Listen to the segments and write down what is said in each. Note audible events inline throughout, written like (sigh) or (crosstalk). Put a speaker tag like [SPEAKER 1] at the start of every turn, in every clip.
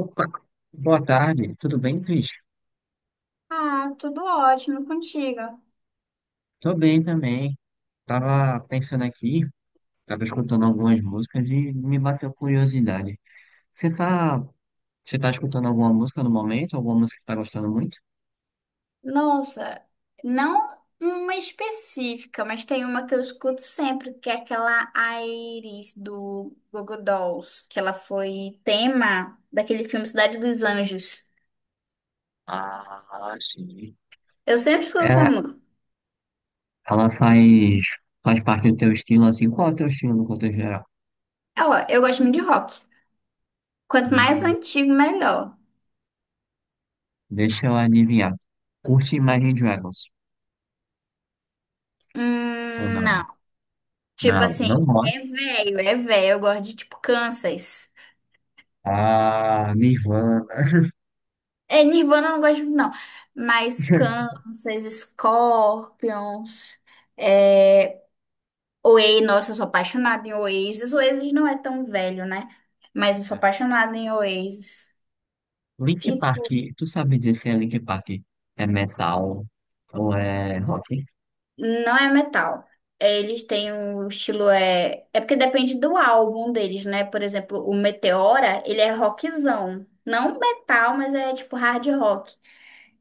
[SPEAKER 1] Opa, boa tarde, tudo bem, Cris?
[SPEAKER 2] Ah, tudo ótimo contigo.
[SPEAKER 1] Tô bem também. Tava pensando aqui, tava escutando algumas músicas e me bateu curiosidade. Você tá, você tá escutando alguma música no momento? Alguma música que tá gostando muito?
[SPEAKER 2] Nossa, não uma específica, mas tem uma que eu escuto sempre, que é aquela Iris do Google Dolls, que ela foi tema daquele filme Cidade dos Anjos.
[SPEAKER 1] Ah, sim.
[SPEAKER 2] Eu sempre escuto
[SPEAKER 1] É,
[SPEAKER 2] essa música.
[SPEAKER 1] ela faz parte do teu estilo, assim. Qual é o teu estilo no contexto geral?
[SPEAKER 2] É, ó, eu gosto muito de rock. Quanto mais
[SPEAKER 1] Hum,
[SPEAKER 2] antigo, melhor.
[SPEAKER 1] Deixa eu adivinhar. Curte Imagine Dragons? Ou não?
[SPEAKER 2] Não. Tipo
[SPEAKER 1] Não,
[SPEAKER 2] assim,
[SPEAKER 1] não gosto.
[SPEAKER 2] é velho, é velho. Eu gosto de tipo Kansas.
[SPEAKER 1] Ah, Nirvana.
[SPEAKER 2] É, Nirvana eu não gosto muito, não. Mas
[SPEAKER 1] (laughs)
[SPEAKER 2] Kansas, Scorpions, é... Oasis, nossa, eu sou apaixonada em Oasis. Oasis não é tão velho, né? Mas eu sou apaixonada em Oasis.
[SPEAKER 1] Link
[SPEAKER 2] E tu?
[SPEAKER 1] Park, tu sabe dizer se é Link Park é metal ou é rock?
[SPEAKER 2] Não é metal. Eles têm um estilo, é porque depende do álbum deles, né? Por exemplo, o Meteora, ele é rockzão. Não metal, mas é tipo hard rock.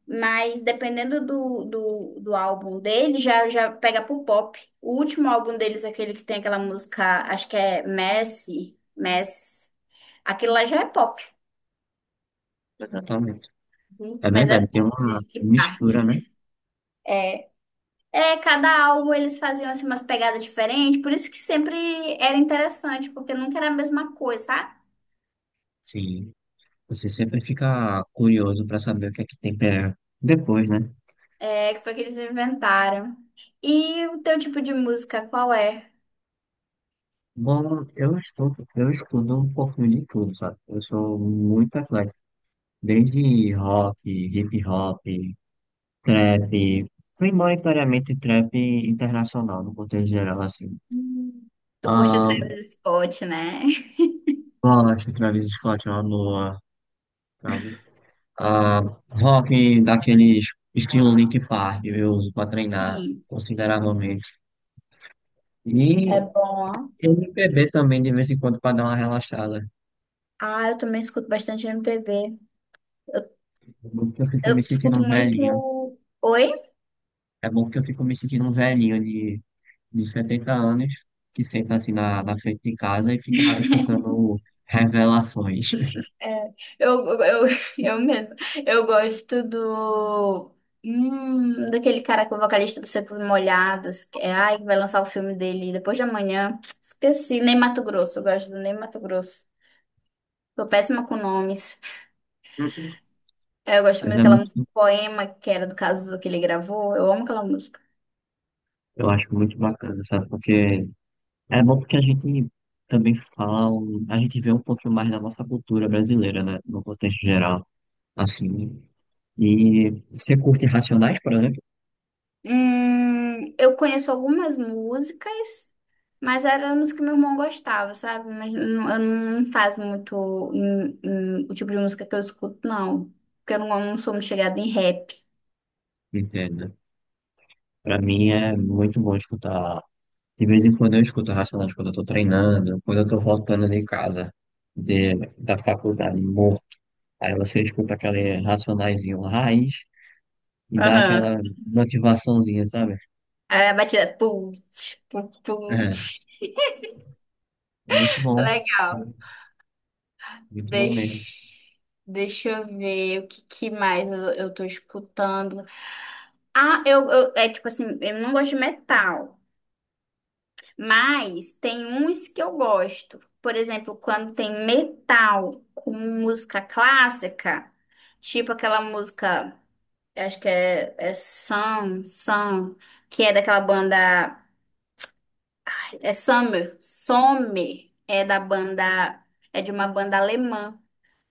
[SPEAKER 2] Mas dependendo do álbum dele, já pega pro pop. O último álbum deles, aquele que tem aquela música, acho que é Messi, Messi. Aquilo lá já é pop.
[SPEAKER 1] Exatamente.
[SPEAKER 2] Uhum.
[SPEAKER 1] É
[SPEAKER 2] Mas é
[SPEAKER 1] verdade, tem
[SPEAKER 2] top,
[SPEAKER 1] uma
[SPEAKER 2] Linkin Park.
[SPEAKER 1] mistura, né?
[SPEAKER 2] É, cada álbum eles faziam assim, umas pegadas diferentes, por isso que sempre era interessante, porque nunca era a mesma coisa, sabe?
[SPEAKER 1] Sim. Você sempre fica curioso pra saber o que é que tem depois, né?
[SPEAKER 2] É, que foi que eles inventaram. E o teu tipo de música, qual é?
[SPEAKER 1] Bom, eu estudo um pouquinho de tudo, sabe? Eu sou muito eclético. Desde rock, hip hop, trap, primordialmente trap internacional, no contexto geral, assim.
[SPEAKER 2] Hum. Tu curte o
[SPEAKER 1] Ah,
[SPEAKER 2] Travis Scott, né?
[SPEAKER 1] gosto de Travis Scott, é uma boa. Ah, rock daqueles estilo Linkin Park, eu uso para treinar
[SPEAKER 2] Sim.
[SPEAKER 1] consideravelmente.
[SPEAKER 2] É
[SPEAKER 1] E
[SPEAKER 2] bom, ó.
[SPEAKER 1] MPB também, de vez em quando, para dar uma relaxada.
[SPEAKER 2] Ah, eu também escuto bastante M MPB. Eu,
[SPEAKER 1] É bom que eu fico me
[SPEAKER 2] eu
[SPEAKER 1] sentindo
[SPEAKER 2] escuto
[SPEAKER 1] um velhinho.
[SPEAKER 2] muito. Oi?
[SPEAKER 1] É bom que eu fico me sentindo um velhinho de 70 anos, que senta assim na frente de casa e fica escutando revelações.
[SPEAKER 2] É, eu (laughs) eu mesmo. Eu gosto do. Daquele cara que é o vocalista dos Secos e Molhados. Que é, ai, que vai lançar o filme dele depois de amanhã. Esqueci. Ney Matogrosso. Eu gosto do Ney Matogrosso. Tô péssima com nomes.
[SPEAKER 1] (laughs)
[SPEAKER 2] É, eu gosto muito
[SPEAKER 1] Mas é
[SPEAKER 2] daquela
[SPEAKER 1] muito,
[SPEAKER 2] música Poema, que era do caso que ele gravou. Eu amo aquela música.
[SPEAKER 1] eu acho muito bacana, sabe? Porque É bom porque a gente também fala, a gente vê um pouquinho mais da nossa cultura brasileira, né? No contexto geral, assim. E você curte Racionais, por exemplo?
[SPEAKER 2] Eu conheço algumas músicas. Mas era a música que meu irmão gostava, sabe? Eu não faço muito o tipo de música que eu escuto, não. Porque eu não sou muito chegada em rap.
[SPEAKER 1] Entendo. Pra mim é muito bom escutar. De vez em quando eu escuto Racionais quando eu tô treinando, quando eu tô voltando de casa, da faculdade, morto. Aí você escuta aquele racionaizinho raiz e dá
[SPEAKER 2] Aham.
[SPEAKER 1] aquela motivaçãozinha, sabe?
[SPEAKER 2] Aí a batida. Putz, putz,
[SPEAKER 1] É,
[SPEAKER 2] putz.
[SPEAKER 1] muito bom.
[SPEAKER 2] Legal.
[SPEAKER 1] Muito bom mesmo.
[SPEAKER 2] Deixa, deixa eu ver o que mais eu tô escutando. Ah, eu, eu. É tipo assim, eu não gosto de metal. Mas tem uns que eu gosto. Por exemplo, quando tem metal com música clássica, tipo aquela música, eu acho que é Sun, Sun, que é daquela banda. É Summer, Sommer, é da banda. É de uma banda alemã.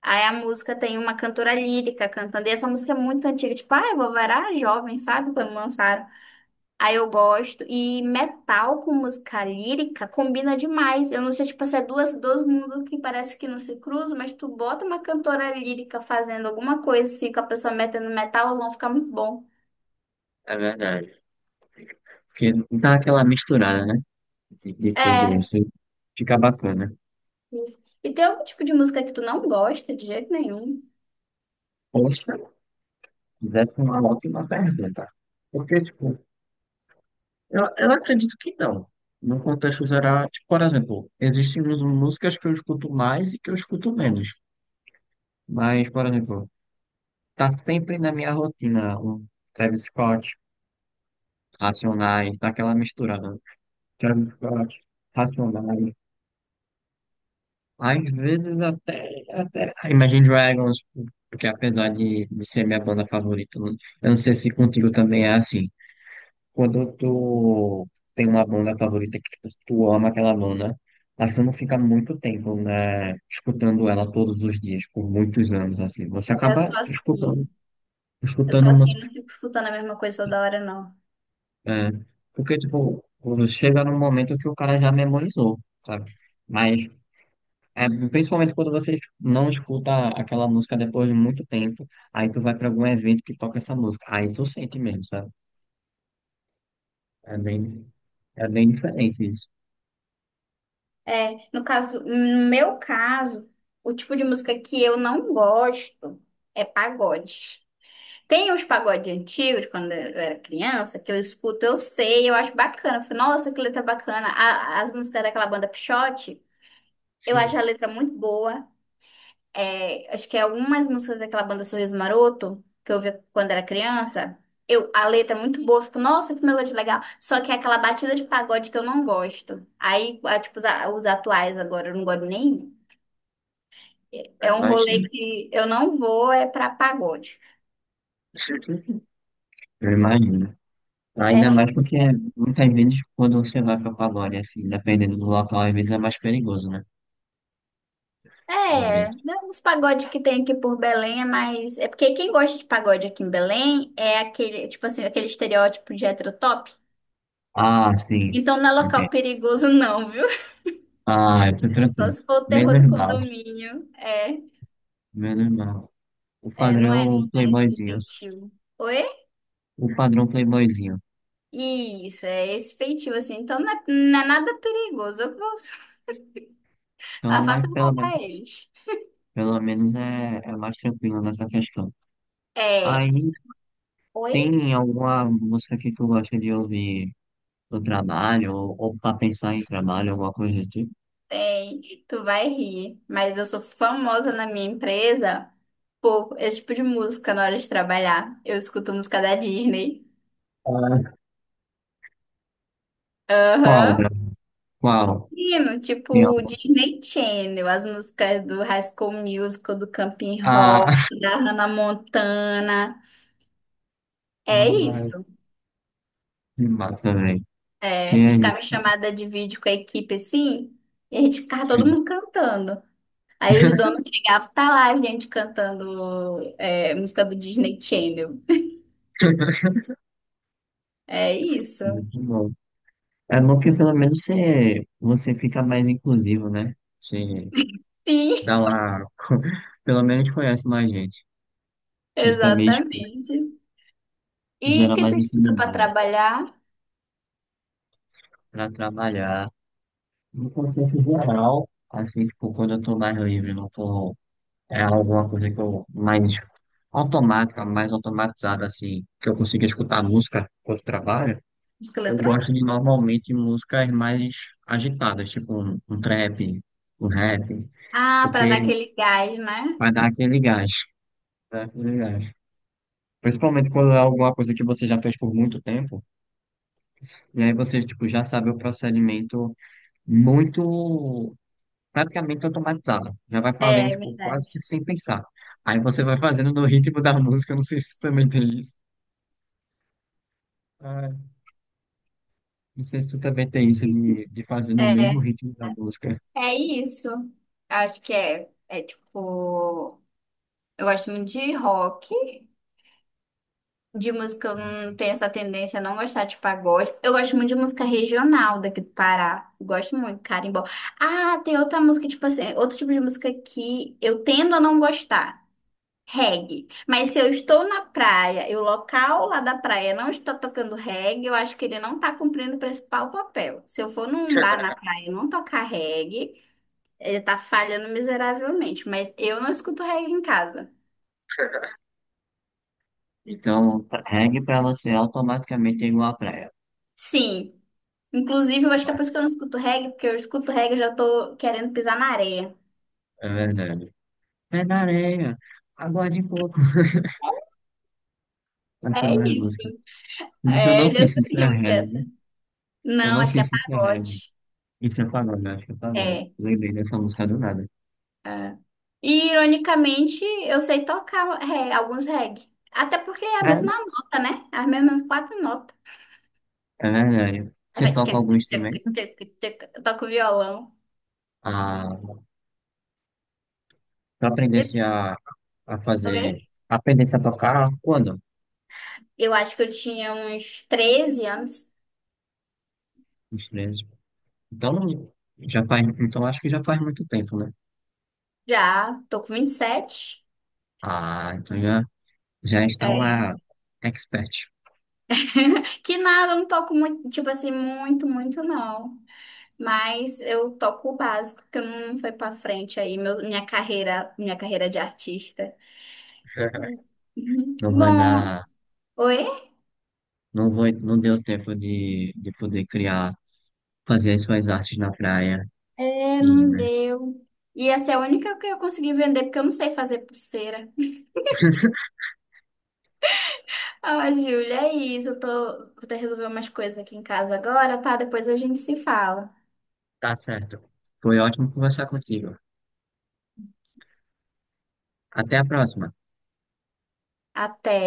[SPEAKER 2] Aí a música tem uma cantora lírica cantando. E essa música é muito antiga, tipo, ai, vovó era jovem, sabe? Quando lançaram. Aí eu gosto. E metal com música lírica combina demais. Eu não sei, tipo, se é duas, dois mundos que parece que não se cruzam, mas tu bota uma cantora lírica fazendo alguma coisa assim, com a pessoa metendo metal, elas vão ficar muito bom.
[SPEAKER 1] É verdade. Porque dá aquela misturada, né? De tudo
[SPEAKER 2] É.
[SPEAKER 1] isso. Fica bacana.
[SPEAKER 2] Isso. E tem algum tipo de música que tu não gosta de jeito nenhum?
[SPEAKER 1] Poxa, fizesse uma ótima pergunta. Porque, tipo, eu acredito que não. No contexto geral, tipo, por exemplo, existem músicas que eu escuto mais e que eu escuto menos. Mas, por exemplo, tá sempre na minha rotina um Travis Scott, Racionais, tá aquela misturada. Travis Scott, Racionais. Às vezes até Imagine Dragons, porque apesar de ser minha banda favorita, eu não sei se contigo também é assim. Quando tu tem uma banda favorita que tipo, tu ama aquela banda, mas tu não fica muito tempo, né, escutando ela todos os dias, por muitos anos, assim. Você
[SPEAKER 2] É, eu
[SPEAKER 1] acaba
[SPEAKER 2] sou
[SPEAKER 1] escutando,
[SPEAKER 2] assim. Eu sou
[SPEAKER 1] escutando, uma-
[SPEAKER 2] assim, não fico escutando a mesma coisa toda hora, não.
[SPEAKER 1] é, porque, tipo, chega num momento que o cara já memorizou, sabe? Mas é, principalmente quando você não escuta aquela música depois de muito tempo, aí tu vai pra algum evento que toca essa música, aí tu sente mesmo, sabe? É bem, é bem diferente isso.
[SPEAKER 2] É, no caso, no meu caso, o tipo de música que eu não gosto é pagode. Tem uns pagodes antigos, quando eu era criança, que eu escuto, eu sei, eu acho bacana. Eu falo, nossa, que letra bacana. As músicas daquela banda Pixote, eu acho
[SPEAKER 1] Sim,
[SPEAKER 2] a letra muito boa. É, acho que é algumas músicas daquela banda Sorriso Maroto, que eu ouvia quando era criança, eu, a letra é muito boa. Eu fico, nossa, que melodia legal. Só que é aquela batida de pagode que eu não gosto. Aí, tipo, os atuais agora, eu não gosto nem. É
[SPEAKER 1] eu
[SPEAKER 2] é um rolê
[SPEAKER 1] imagino.
[SPEAKER 2] que eu não vou, é pra pagode.
[SPEAKER 1] (laughs) Eu imagino. Ainda
[SPEAKER 2] É,
[SPEAKER 1] mais porque muitas vezes quando você vai pra pagode, assim, dependendo do local, às vezes é mais perigoso, né? Às
[SPEAKER 2] é,
[SPEAKER 1] vezes.
[SPEAKER 2] né, os pagodes que tem aqui por Belém é mais. É porque quem gosta de pagode aqui em Belém é aquele, tipo assim, aquele estereótipo de hétero top.
[SPEAKER 1] Ah, sim.
[SPEAKER 2] Então não é local
[SPEAKER 1] Entendo.
[SPEAKER 2] perigoso, não, viu? (laughs)
[SPEAKER 1] Ah, eu tô
[SPEAKER 2] Só
[SPEAKER 1] tranquilo.
[SPEAKER 2] se for o terror do
[SPEAKER 1] Menos mal,
[SPEAKER 2] condomínio. É,
[SPEAKER 1] menos mal. O
[SPEAKER 2] é,
[SPEAKER 1] padrão
[SPEAKER 2] não é esse
[SPEAKER 1] playboyzinho.
[SPEAKER 2] feitio. Oi?
[SPEAKER 1] O padrão playboyzinho.
[SPEAKER 2] Isso, é esse feitio, assim. Então não é nada perigoso. (laughs)
[SPEAKER 1] Então é
[SPEAKER 2] Eu faço
[SPEAKER 1] mais,
[SPEAKER 2] roubar eles.
[SPEAKER 1] pelo menos é mais tranquilo nessa questão.
[SPEAKER 2] É.
[SPEAKER 1] Aí
[SPEAKER 2] Oi?
[SPEAKER 1] tem alguma música que tu gosta de ouvir no trabalho, ou pra pensar em trabalho, alguma coisa do tipo?
[SPEAKER 2] Tem, tu vai rir, mas eu sou famosa na minha empresa por esse tipo de música na hora de trabalhar. Eu escuto música da Disney.
[SPEAKER 1] Ah, qual,
[SPEAKER 2] Aham.
[SPEAKER 1] André? Qual?
[SPEAKER 2] Menino,
[SPEAKER 1] Tem al-
[SPEAKER 2] tipo Disney Channel, as músicas do High School Musical, do Camping
[SPEAKER 1] Ah,
[SPEAKER 2] Rock,
[SPEAKER 1] (laughs)
[SPEAKER 2] da Hannah Montana. É
[SPEAKER 1] mano,
[SPEAKER 2] isso.
[SPEAKER 1] que massa, velho. Que
[SPEAKER 2] É,
[SPEAKER 1] é
[SPEAKER 2] ficava
[SPEAKER 1] isso?
[SPEAKER 2] chamada de vídeo com a equipe assim, e a gente ficava todo
[SPEAKER 1] Sim.
[SPEAKER 2] mundo cantando. Aí os donos
[SPEAKER 1] (laughs)
[SPEAKER 2] chegavam, tá lá a gente cantando é, música do Disney Channel. É isso.
[SPEAKER 1] Muito bom. É bom que pelo menos você fica mais inclusivo, né? Você
[SPEAKER 2] Sim,
[SPEAKER 1] dá uma. (laughs) Pelo menos conhece mais gente,
[SPEAKER 2] (laughs)
[SPEAKER 1] que também tipo,
[SPEAKER 2] exatamente. E o
[SPEAKER 1] gera
[SPEAKER 2] que tu
[SPEAKER 1] mais
[SPEAKER 2] estuda para
[SPEAKER 1] intimidade.
[SPEAKER 2] trabalhar?
[SPEAKER 1] Para trabalhar. No contexto geral, assim, tipo, quando eu tô mais livre, não tô. É alguma coisa que eu mais automática, mais automatizada, assim, que eu consiga escutar música quando trabalho.
[SPEAKER 2] Música
[SPEAKER 1] Eu
[SPEAKER 2] eletrônica?
[SPEAKER 1] gosto de normalmente músicas mais agitadas, tipo um trap, um rap,
[SPEAKER 2] Ah, para dar
[SPEAKER 1] porque
[SPEAKER 2] aquele gás, né?
[SPEAKER 1] vai dar aquele gás. Né, aquele gás. Principalmente quando é alguma coisa que você já fez por muito tempo, e aí você, tipo, já sabe o procedimento muito praticamente automatizada. Já vai fazendo,
[SPEAKER 2] É, é
[SPEAKER 1] tipo, quase que
[SPEAKER 2] verdade.
[SPEAKER 1] sem pensar. Aí você vai fazendo no ritmo da música, eu não sei se tu também tem isso. Ah, não sei se tu também tem isso de fazer no mesmo
[SPEAKER 2] É,
[SPEAKER 1] ritmo da música.
[SPEAKER 2] é isso. Acho que é tipo, eu gosto muito de rock, de música, eu não tenho essa tendência a não gostar de pagode. Eu gosto muito de música regional daqui do Pará. Eu gosto muito, carimbó. Ah, tem outra música, tipo assim, outro tipo de música que eu tendo a não gostar. Reggae. Mas se eu estou na praia e o local lá da praia não está tocando reggae, eu acho que ele não está cumprindo o principal papel. Se eu for num bar na praia e não tocar reggae, ele está falhando miseravelmente. Mas eu não escuto reggae em casa.
[SPEAKER 1] Então, reggae pra você automaticamente é igual à praia.
[SPEAKER 2] Sim. Inclusive, eu acho que é por isso que eu não escuto reggae, porque eu escuto reggae e já tô querendo pisar na areia.
[SPEAKER 1] É verdade. Pé na areia, aguarde um pouco. Aquela
[SPEAKER 2] É isso.
[SPEAKER 1] música. Eu
[SPEAKER 2] É,
[SPEAKER 1] não
[SPEAKER 2] eu já
[SPEAKER 1] sei se isso
[SPEAKER 2] escutei que
[SPEAKER 1] é
[SPEAKER 2] música é essa.
[SPEAKER 1] reggae. Eu
[SPEAKER 2] Não,
[SPEAKER 1] não
[SPEAKER 2] acho que
[SPEAKER 1] sei
[SPEAKER 2] é
[SPEAKER 1] se isso é reggae.
[SPEAKER 2] pagode.
[SPEAKER 1] Isso é pagode, eu acho que é pagode.
[SPEAKER 2] É.
[SPEAKER 1] Lembrei dessa música do nada.
[SPEAKER 2] É. E, ironicamente, eu sei tocar alguns reggae. Até porque é a
[SPEAKER 1] É,
[SPEAKER 2] mesma nota, né? É as mesmas quatro notas.
[SPEAKER 1] é verdade.
[SPEAKER 2] Aí
[SPEAKER 1] Você
[SPEAKER 2] vai
[SPEAKER 1] toca
[SPEAKER 2] tchac,
[SPEAKER 1] algum
[SPEAKER 2] tchac,
[SPEAKER 1] instrumento?
[SPEAKER 2] tchac, tchac. Eu toco violão.
[SPEAKER 1] Ah, tu
[SPEAKER 2] E tu-
[SPEAKER 1] a fazer,
[SPEAKER 2] Oi?
[SPEAKER 1] aprendesse a tocar quando?
[SPEAKER 2] Eu acho que eu tinha uns 13 anos.
[SPEAKER 1] Uns 13. Então, não- já faz, Então acho que já faz muito tempo, né?
[SPEAKER 2] Já, tô com 27.
[SPEAKER 1] Ah, então já está
[SPEAKER 2] É.
[SPEAKER 1] uma expert.
[SPEAKER 2] Que nada, eu não toco muito, tipo assim, muito não. Mas eu toco o básico, porque eu não fui pra frente aí, minha carreira de artista.
[SPEAKER 1] (laughs)
[SPEAKER 2] Uhum.
[SPEAKER 1] Não vai
[SPEAKER 2] Bom,
[SPEAKER 1] dar,
[SPEAKER 2] oi?
[SPEAKER 1] não deu tempo de poder criar, fazer as suas artes na praia
[SPEAKER 2] É,
[SPEAKER 1] e,
[SPEAKER 2] não
[SPEAKER 1] né?
[SPEAKER 2] deu. E essa é a única que eu consegui vender, porque eu não sei fazer pulseira. (laughs) Ah, Júlia, é isso. Eu tô... Vou ter que resolver umas coisas aqui em casa agora, tá? Depois a gente se fala.
[SPEAKER 1] Tá certo. Foi ótimo conversar contigo. Até a próxima.
[SPEAKER 2] Até.